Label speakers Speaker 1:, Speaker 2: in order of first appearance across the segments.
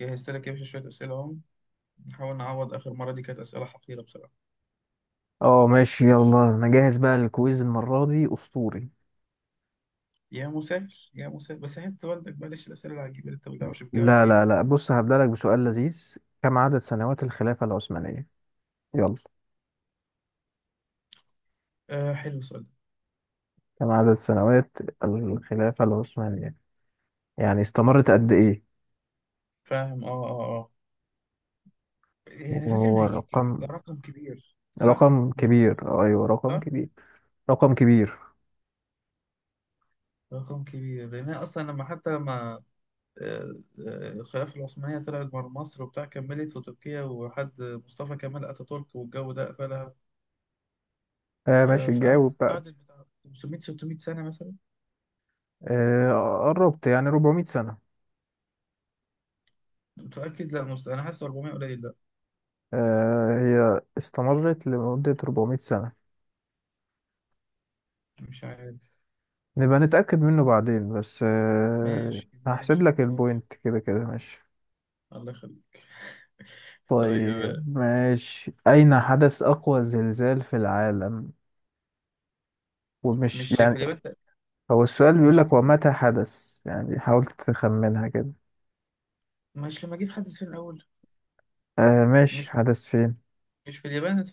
Speaker 1: جهزت لك يا باشا شوية أسئلة. أهم نحاول نعوض آخر مرة، دي كانت أسئلة حقيرة بصراحة.
Speaker 2: اه، ماشي، يلا انا جاهز بقى للكويز المرة دي اسطوري.
Speaker 1: يا مسهل يا مسهل، بس حياة والدك بلاش الأسئلة العجيبة اللي أنت ما بتعرفش تجاوب
Speaker 2: لا،
Speaker 1: دي.
Speaker 2: لا، لا، بص هبدأ لك بسؤال لذيذ. كم عدد سنوات الخلافة العثمانية؟ يلا.
Speaker 1: آه، حلو السؤال ده.
Speaker 2: كم عدد سنوات الخلافة العثمانية؟ يعني استمرت قد ايه؟
Speaker 1: فاهم. يعني فاكر إن
Speaker 2: وهو رقم
Speaker 1: رقم كبير، صح؟
Speaker 2: رقم كبير.
Speaker 1: بالكتير،
Speaker 2: ايوه، رقم
Speaker 1: صح؟
Speaker 2: كبير. رقم كبير.
Speaker 1: رقم كبير، لأن أنا أصلا لما، حتى لما آه، الخلافة العثمانية طلعت بره مصر وبتاع، كملت في تركيا، وحد مصطفى كمال أتاتورك والجو ده قفلها.
Speaker 2: آه، ماشي،
Speaker 1: فقعدت،
Speaker 2: جاوب بقى.
Speaker 1: قعدت بتاع 500 600 سنة مثلا.
Speaker 2: آه، قربت يعني 400 سنة.
Speaker 1: متأكد؟ لا، أنا حاسس 400 قليل.
Speaker 2: آه، هي استمرت لمدة 400 سنة.
Speaker 1: مش عارف.
Speaker 2: نبقى نتأكد منه بعدين بس.
Speaker 1: ماشي
Speaker 2: هحسب
Speaker 1: ماشي
Speaker 2: لك
Speaker 1: ماشي.
Speaker 2: البوينت كده كده. ماشي.
Speaker 1: الله يخليك. طيب.
Speaker 2: طيب، ماشي، أين حدث أقوى زلزال في العالم؟ ومش
Speaker 1: مش في
Speaker 2: يعني،
Speaker 1: اليابان؟
Speaker 2: هو السؤال بيقول
Speaker 1: مش
Speaker 2: لك ومتى حدث. يعني حاول تخمنها كده.
Speaker 1: مش لما اجيب حد في الاول؟
Speaker 2: آه، ماشي،
Speaker 1: مش
Speaker 2: حدث فين؟
Speaker 1: مش في اليابان.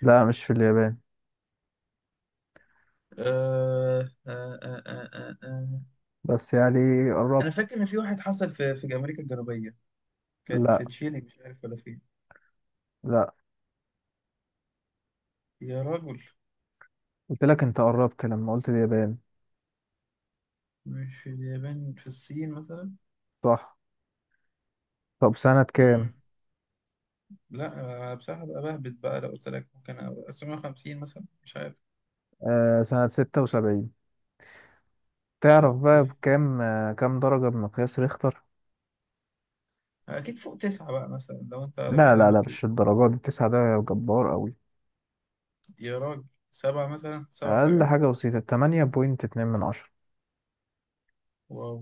Speaker 2: لا، مش في اليابان.
Speaker 1: آه آه آه آه آه آه.
Speaker 2: بس يعني
Speaker 1: انا
Speaker 2: قربت.
Speaker 1: فاكر ان في واحد حصل في امريكا الجنوبيه، كان
Speaker 2: لا،
Speaker 1: في تشيلي، مش عارف ولا فين.
Speaker 2: لا،
Speaker 1: يا راجل.
Speaker 2: قلت لك انت قربت لما قلت اليابان.
Speaker 1: مش في اليابان، في الصين مثلا.
Speaker 2: صح. طب سنة كام؟
Speaker 1: مم. لا، أنا بصراحه بقى بهبت بقى، لو قلت لك ممكن أبقى 750 مثلا، مش عارف.
Speaker 2: آه، سنة 76. تعرف بقى
Speaker 1: اوكي.
Speaker 2: بكام، كام درجة بمقياس ريختر؟
Speaker 1: اكيد فوق تسعة بقى مثلا لو انت على
Speaker 2: لا، لا،
Speaker 1: كلامك
Speaker 2: لا،
Speaker 1: كده.
Speaker 2: مش الدرجات دي، التسعة ده جبار قوي.
Speaker 1: يا راجل. سبعة مثلا، سبعة
Speaker 2: أقل
Speaker 1: حاجة.
Speaker 2: حاجة بسيطة 8.2 من 10.
Speaker 1: واو.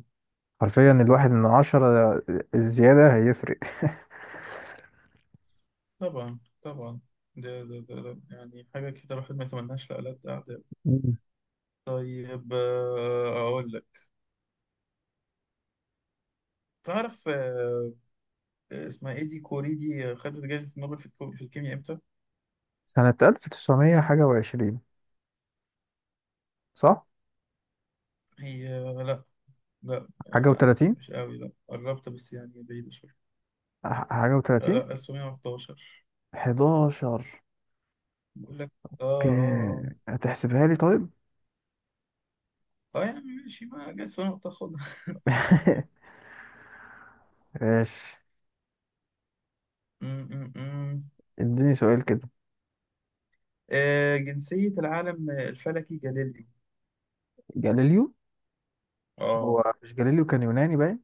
Speaker 2: حرفيا 1 من 10، الزيادة هيفرق.
Speaker 1: طبعا طبعا، ده يعني حاجة كده الواحد ما يتمناش لألد أعداء.
Speaker 2: مم.
Speaker 1: طيب، أقول لك. تعرف، اسمها إيه دي، كوري دي، خدت جايزة نوبل في في الكيمياء إمتى؟
Speaker 2: سنة ألف تسعمية حاجة وعشرين. صح؟
Speaker 1: هي، لأ. لأ،
Speaker 2: حاجة وتلاتين.
Speaker 1: مش قوي، لأ قربت بس يعني بعيدة شوية.
Speaker 2: حاجة
Speaker 1: لأ،
Speaker 2: وتلاتين.
Speaker 1: 1911.
Speaker 2: حداشر.
Speaker 1: بقول لك. آه آه.
Speaker 2: اوكي، هتحسبها لي طيب؟
Speaker 1: يعني ماشي، ما جت سنة تاخدها.
Speaker 2: ماشي.
Speaker 1: م- م- م.
Speaker 2: اديني سؤال كده.
Speaker 1: جنسية العالم الفلكي جاليليو.
Speaker 2: جاليليو.
Speaker 1: اه.
Speaker 2: هو مش جاليليو كان يوناني باين،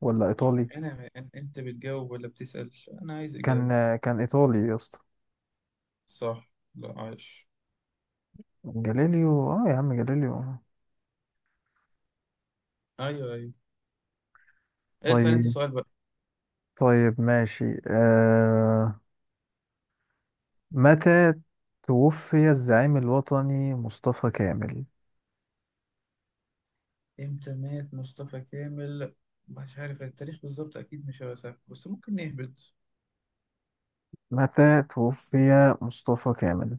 Speaker 2: ولا إيطالي؟
Speaker 1: انا، انت بتجاوب ولا بتسأل؟ انا عايز
Speaker 2: كان
Speaker 1: اجابة.
Speaker 2: كان إيطالي يا اسطى.
Speaker 1: صح، لا، عايش.
Speaker 2: جاليليو، اه، يا عم، جاليليو.
Speaker 1: ايوه ايوه. اسأل انت
Speaker 2: طيب.
Speaker 1: سؤال بقى.
Speaker 2: طيب، ماشي. متى توفي الزعيم الوطني مصطفى كامل؟
Speaker 1: امتى مات مصطفى كامل؟ مش عارف التاريخ بالظبط، اكيد مش هيبقى سهل، بس ممكن نهبط.
Speaker 2: متى توفي مصطفى كامل؟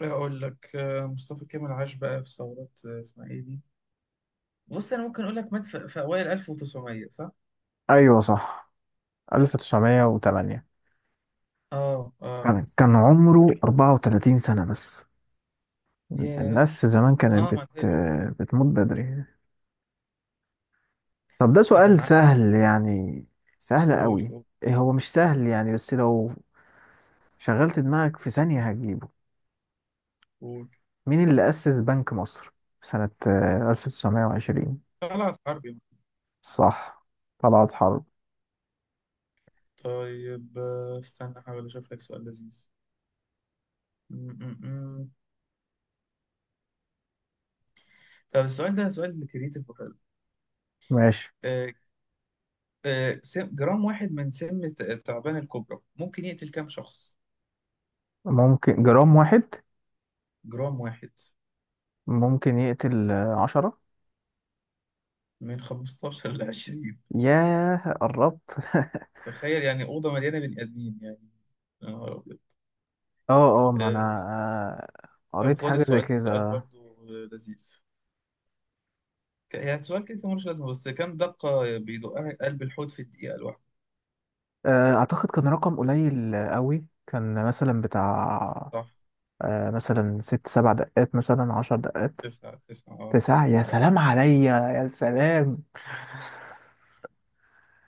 Speaker 1: اقول لك، مصطفى كامل عاش بقى في ثورات، اسمها ايه دي. بص، انا ممكن اقول لك مات في اوائل 1900، صح.
Speaker 2: أيوة صح، 1908.
Speaker 1: اه اه.
Speaker 2: كان عمره 34 سنة بس.
Speaker 1: ياه.
Speaker 2: الناس زمان
Speaker 1: اه، ما تقلقش.
Speaker 2: بتموت بدري. طب ده
Speaker 1: ده كان
Speaker 2: سؤال
Speaker 1: عارف.
Speaker 2: سهل يعني. سهل
Speaker 1: قول
Speaker 2: قوي.
Speaker 1: قول.
Speaker 2: إيه، هو مش سهل يعني، بس لو شغلت دماغك في ثانية هتجيبه.
Speaker 1: قول.
Speaker 2: مين اللي أسس بنك مصر في سنة 1920؟
Speaker 1: طلعت حربي.
Speaker 2: صح، طلعت حرب.
Speaker 1: طيب، استنى احاول اشوف لك سؤال لذيذ. طب السؤال ده سؤال كريتيف وحلو.
Speaker 2: ماشي.
Speaker 1: آه، جرام واحد من سم التعبان الكبرى ممكن يقتل كام شخص؟
Speaker 2: ممكن جرام واحد.
Speaker 1: جرام واحد.
Speaker 2: ممكن يقتل عشرة.
Speaker 1: من 15 ل 20.
Speaker 2: ياه، قربت.
Speaker 1: تخيل يعني أوضة مليانة بني آدمين يعني. يا نهار أبيض.
Speaker 2: اه، اه، ما انا
Speaker 1: آه، طب
Speaker 2: قريت
Speaker 1: خد
Speaker 2: حاجة زي
Speaker 1: السؤال ده سؤال
Speaker 2: كده.
Speaker 1: برضو لذيذ. يعني سؤال كده كده ملوش لازمة، بس كام دقة بيدقها قلب الحوت في الدقيقة الواحدة؟
Speaker 2: اعتقد كان رقم قليل قوي، كان مثلا بتاع
Speaker 1: صح.
Speaker 2: مثلا ست سبع دقات، مثلا 10 دقات.
Speaker 1: تسعة تسعة، اه.
Speaker 2: تسعة، يا
Speaker 1: عارف.
Speaker 2: سلام عليا، يا سلام.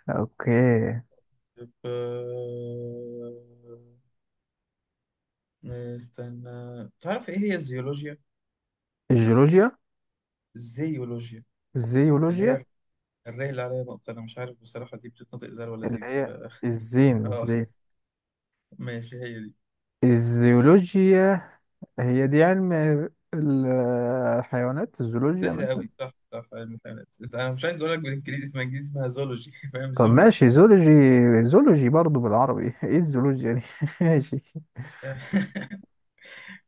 Speaker 2: اوكي.
Speaker 1: طب، استنى. تعرف ايه هي الزيولوجيا؟
Speaker 2: الجيولوجيا.
Speaker 1: الزيولوجيا، اللي
Speaker 2: الزيولوجيا.
Speaker 1: هي الراي اللي عليها نقطة. أنا مش عارف بصراحة دي بتتنطق زي ولا
Speaker 2: اللي
Speaker 1: زين. ف
Speaker 2: هي الزين
Speaker 1: آه،
Speaker 2: الزين.
Speaker 1: ماشي هي دي.
Speaker 2: الزيولوجيا، هي دي علم الحيوانات، الزولوجيا
Speaker 1: سهلة
Speaker 2: مثلا.
Speaker 1: أوي، صح صح، علم الحيوانات. أنا مش عايز أقول لك بالإنجليزي، اسمها إنجليزي، اسمها زولوجي. فاهم،
Speaker 2: طب
Speaker 1: زو.
Speaker 2: ماشي، زولوجي. زولوجي برضو بالعربي. ايه الزولوجيا دي؟ ماشي.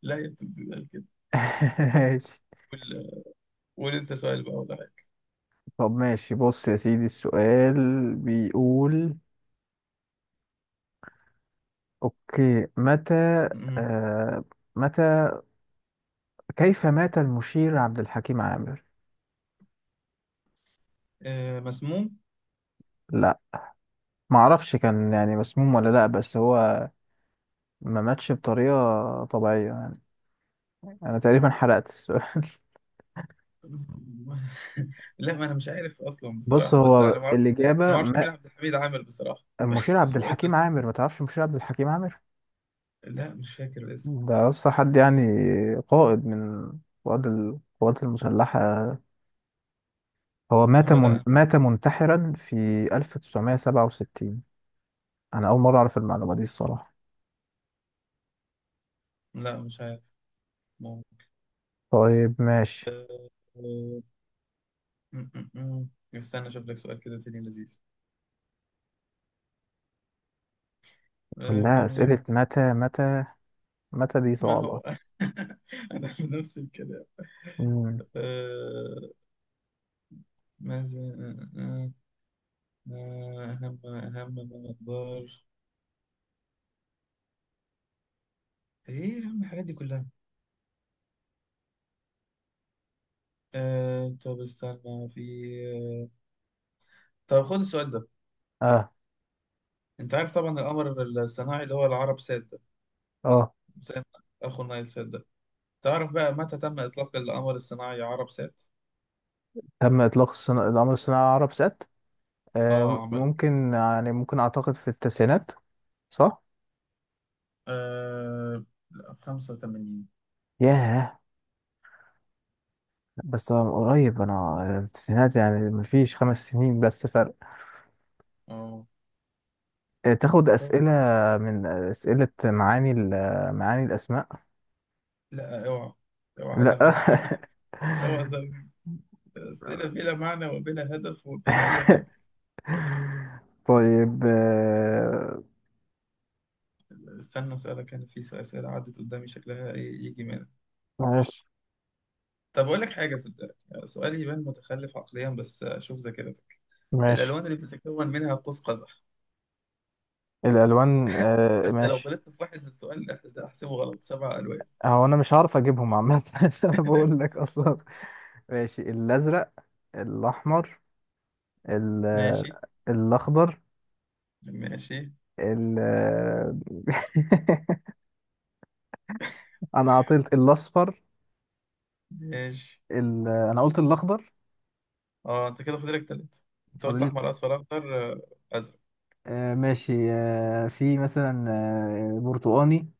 Speaker 1: لا هي بتتقال كده.
Speaker 2: ماشي.
Speaker 1: قول. قول أنت سؤال بقى ولا حاجة.
Speaker 2: طب ماشي، بص يا سيدي السؤال بيقول. اوكي، متى،
Speaker 1: أمم.
Speaker 2: آه متى كيف مات المشير عبد الحكيم عامر؟
Speaker 1: مسموم.
Speaker 2: لا، معرفش كان يعني مسموم ولا لا، بس هو ما ماتش بطريقة طبيعية يعني. انا تقريبا حرقت السؤال.
Speaker 1: لا، ما أنا مش عارف أصلا
Speaker 2: بص،
Speaker 1: بصراحة، بس أنا
Speaker 2: هو
Speaker 1: ما أعرفش. أنا ما
Speaker 2: الإجابة.
Speaker 1: أعرفش مين عبد الحميد عامل بصراحة.
Speaker 2: المشير عبد
Speaker 1: فقلت
Speaker 2: الحكيم
Speaker 1: بس.
Speaker 2: عامر، ما تعرفش المشير عبد الحكيم عامر؟
Speaker 1: لا، مش فاكر الاسم.
Speaker 2: ده اصلا حد يعني، قائد من قواد القوات المسلحة. هو
Speaker 1: آه، لا.
Speaker 2: مات منتحرا في 1967. انا اول مرة اعرف المعلومة دي الصراحة.
Speaker 1: لا مش عارف.
Speaker 2: طيب، ماشي.
Speaker 1: ممكن. م- م- م. استنى اشوف لك سؤال كده تاني لذيذ. آه،
Speaker 2: كلها
Speaker 1: كم يا
Speaker 2: اسئلة متى، متى، متى، دي
Speaker 1: ما
Speaker 2: صعبة.
Speaker 1: هو. انا في نفس الكلام.
Speaker 2: مم.
Speaker 1: آه، ماذا اهم اهم ما اقدر. ايه يا عم الحاجات دي كلها. طب استنى في آه، طب خد السؤال ده.
Speaker 2: اه،
Speaker 1: انت عارف طبعا القمر الصناعي اللي هو العرب سات ده،
Speaker 2: اه،
Speaker 1: زي ما اخو نايل سات ده. تعرف بقى متى تم اطلاق القمر الصناعي عرب سات؟
Speaker 2: تم القمر الصناعي على عرب سات. آه،
Speaker 1: اه. عمل،
Speaker 2: ممكن يعني، ممكن اعتقد في التسعينات. صح؟
Speaker 1: آه، لا، في 85.
Speaker 2: ياه. بس من قريب، انا التسعينات يعني مفيش 5 سنين بس فرق.
Speaker 1: اه.
Speaker 2: تاخد اسئله من اسئله معاني معاني الاسماء؟
Speaker 1: لا، اوعى. اوعى عايز اعمل.
Speaker 2: لا.
Speaker 1: اوعى عايز أعمل. اسئله بلا معنى وبلا هدف وبلا اي حاجه.
Speaker 2: طيب.
Speaker 1: استنى اسالك، انا في اسئله عدت قدامي شكلها إيه يجي منها.
Speaker 2: ماشي.
Speaker 1: طب اقول لك حاجه، صدقني سؤال يبان متخلف عقليا، بس شوف ذاكرتك.
Speaker 2: ماشي،
Speaker 1: الالوان اللي بتتكون منها قوس قزح.
Speaker 2: الالوان.
Speaker 1: بس لو
Speaker 2: ماشي.
Speaker 1: غلطت في واحد من السؤال ده احسبه غلط. سبع الوان.
Speaker 2: هو انا مش هعرف اجيبهم عامه. انا بقول لك اصلا. ماشي، الازرق، الاحمر، ال-
Speaker 1: ماشي
Speaker 2: الاخضر،
Speaker 1: ماشي
Speaker 2: ال. انا عطيت الاصفر.
Speaker 1: ماشي.
Speaker 2: انا قلت الاخضر.
Speaker 1: اه، انت كده فاضلك تلاتة. انت
Speaker 2: فاضل
Speaker 1: قلت
Speaker 2: لي.
Speaker 1: احمر، اصفر، اخضر، ازرق.
Speaker 2: آه، ماشي. في مثلا برتقاني.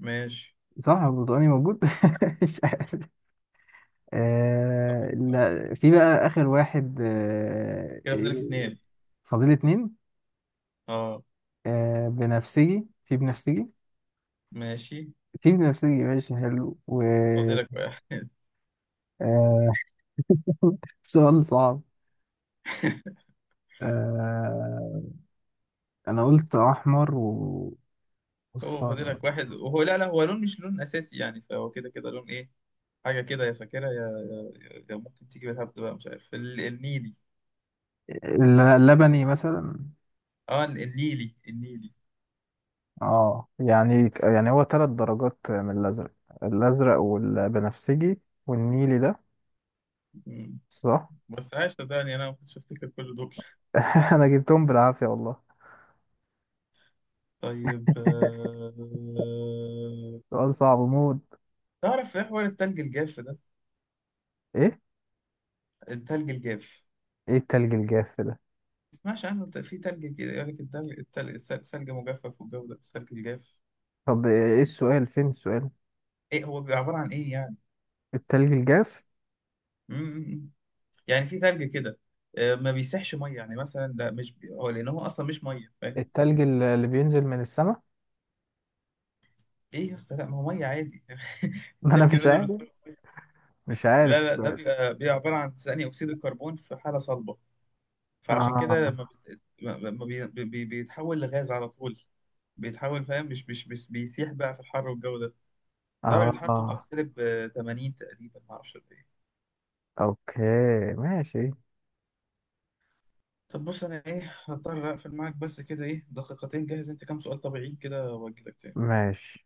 Speaker 1: ماشي.
Speaker 2: صح، هو برتقاني موجود. مش عارف.
Speaker 1: صح
Speaker 2: آه،
Speaker 1: صح.
Speaker 2: لا، في بقى آخر واحد. آه
Speaker 1: كده
Speaker 2: إيه،
Speaker 1: فاضلك اتنين.
Speaker 2: فاضل اتنين.
Speaker 1: اه.
Speaker 2: آه، بنفسجي، في بنفسجي.
Speaker 1: ماشي.
Speaker 2: في بنفسجي، ماشي، حلو، و
Speaker 1: فاضلك واحد.
Speaker 2: آه سؤال صعب. آه، أنا قلت أحمر
Speaker 1: هو
Speaker 2: وأصفر.
Speaker 1: فاضلك واحد، وهو لا لا، هو لون مش لون اساسي يعني، فهو كده كده لون. ايه حاجه كده، يا فاكرها يا يا ممكن تيجي بالهبد بقى، مش عارف، النيلي.
Speaker 2: لبني مثلا.
Speaker 1: اه، النيلي النيلي.
Speaker 2: اه يعني هو ثلاث درجات من الازرق. الازرق والبنفسجي والنيلي ده.
Speaker 1: مم.
Speaker 2: صح.
Speaker 1: بس عايش صدقني انا ما كنتش افتكر كل دول.
Speaker 2: انا جبتهم بالعافيه، والله.
Speaker 1: طيب،
Speaker 2: سؤال صعب موت.
Speaker 1: تعرف ايه حوار التلج الجاف ده؟
Speaker 2: ايه.
Speaker 1: التلج الجاف.
Speaker 2: ايه التلج الجاف ده؟
Speaker 1: ما تسمعش عنه؟ في تلج كده يقول لك التلج، سلج مجفف، والجو ده التلج الجاف.
Speaker 2: طب ايه، السؤال فين السؤال؟
Speaker 1: ايه هو بيبقى عباره عن ايه يعني؟
Speaker 2: التلج الجاف.
Speaker 1: مم. يعني في ثلج كده ما بيسحش ميه، يعني مثلا. لا، مش هو، لان هو اصلا مش ميه، فاهم.
Speaker 2: التلج اللي بينزل من السماء.
Speaker 1: ايه يا اسطى؟ لا ما هو ميه عادي.
Speaker 2: ما انا
Speaker 1: الثلج
Speaker 2: مش
Speaker 1: اللي نزل
Speaker 2: عارف.
Speaker 1: بالصوت.
Speaker 2: مش عارف
Speaker 1: لا لا، ده
Speaker 2: السؤال.
Speaker 1: بيبقى، عباره عن ثاني اكسيد الكربون في حاله صلبه. فعشان كده لما
Speaker 2: اه،
Speaker 1: ما بيتحول لغاز على طول. بيتحول، فاهم، مش بيسيح بقى في الحر والجو ده. درجة حرارته بتبقى
Speaker 2: اه.
Speaker 1: سالب 80 تقريبا، معرفش قد ايه.
Speaker 2: اوكي، ماشي.
Speaker 1: طب بص، انا ايه هضطر اقفل معاك، بس كده ايه دقيقتين جاهز انت كام سؤال طبيعيين كده واجيلك تاني.
Speaker 2: ماشي.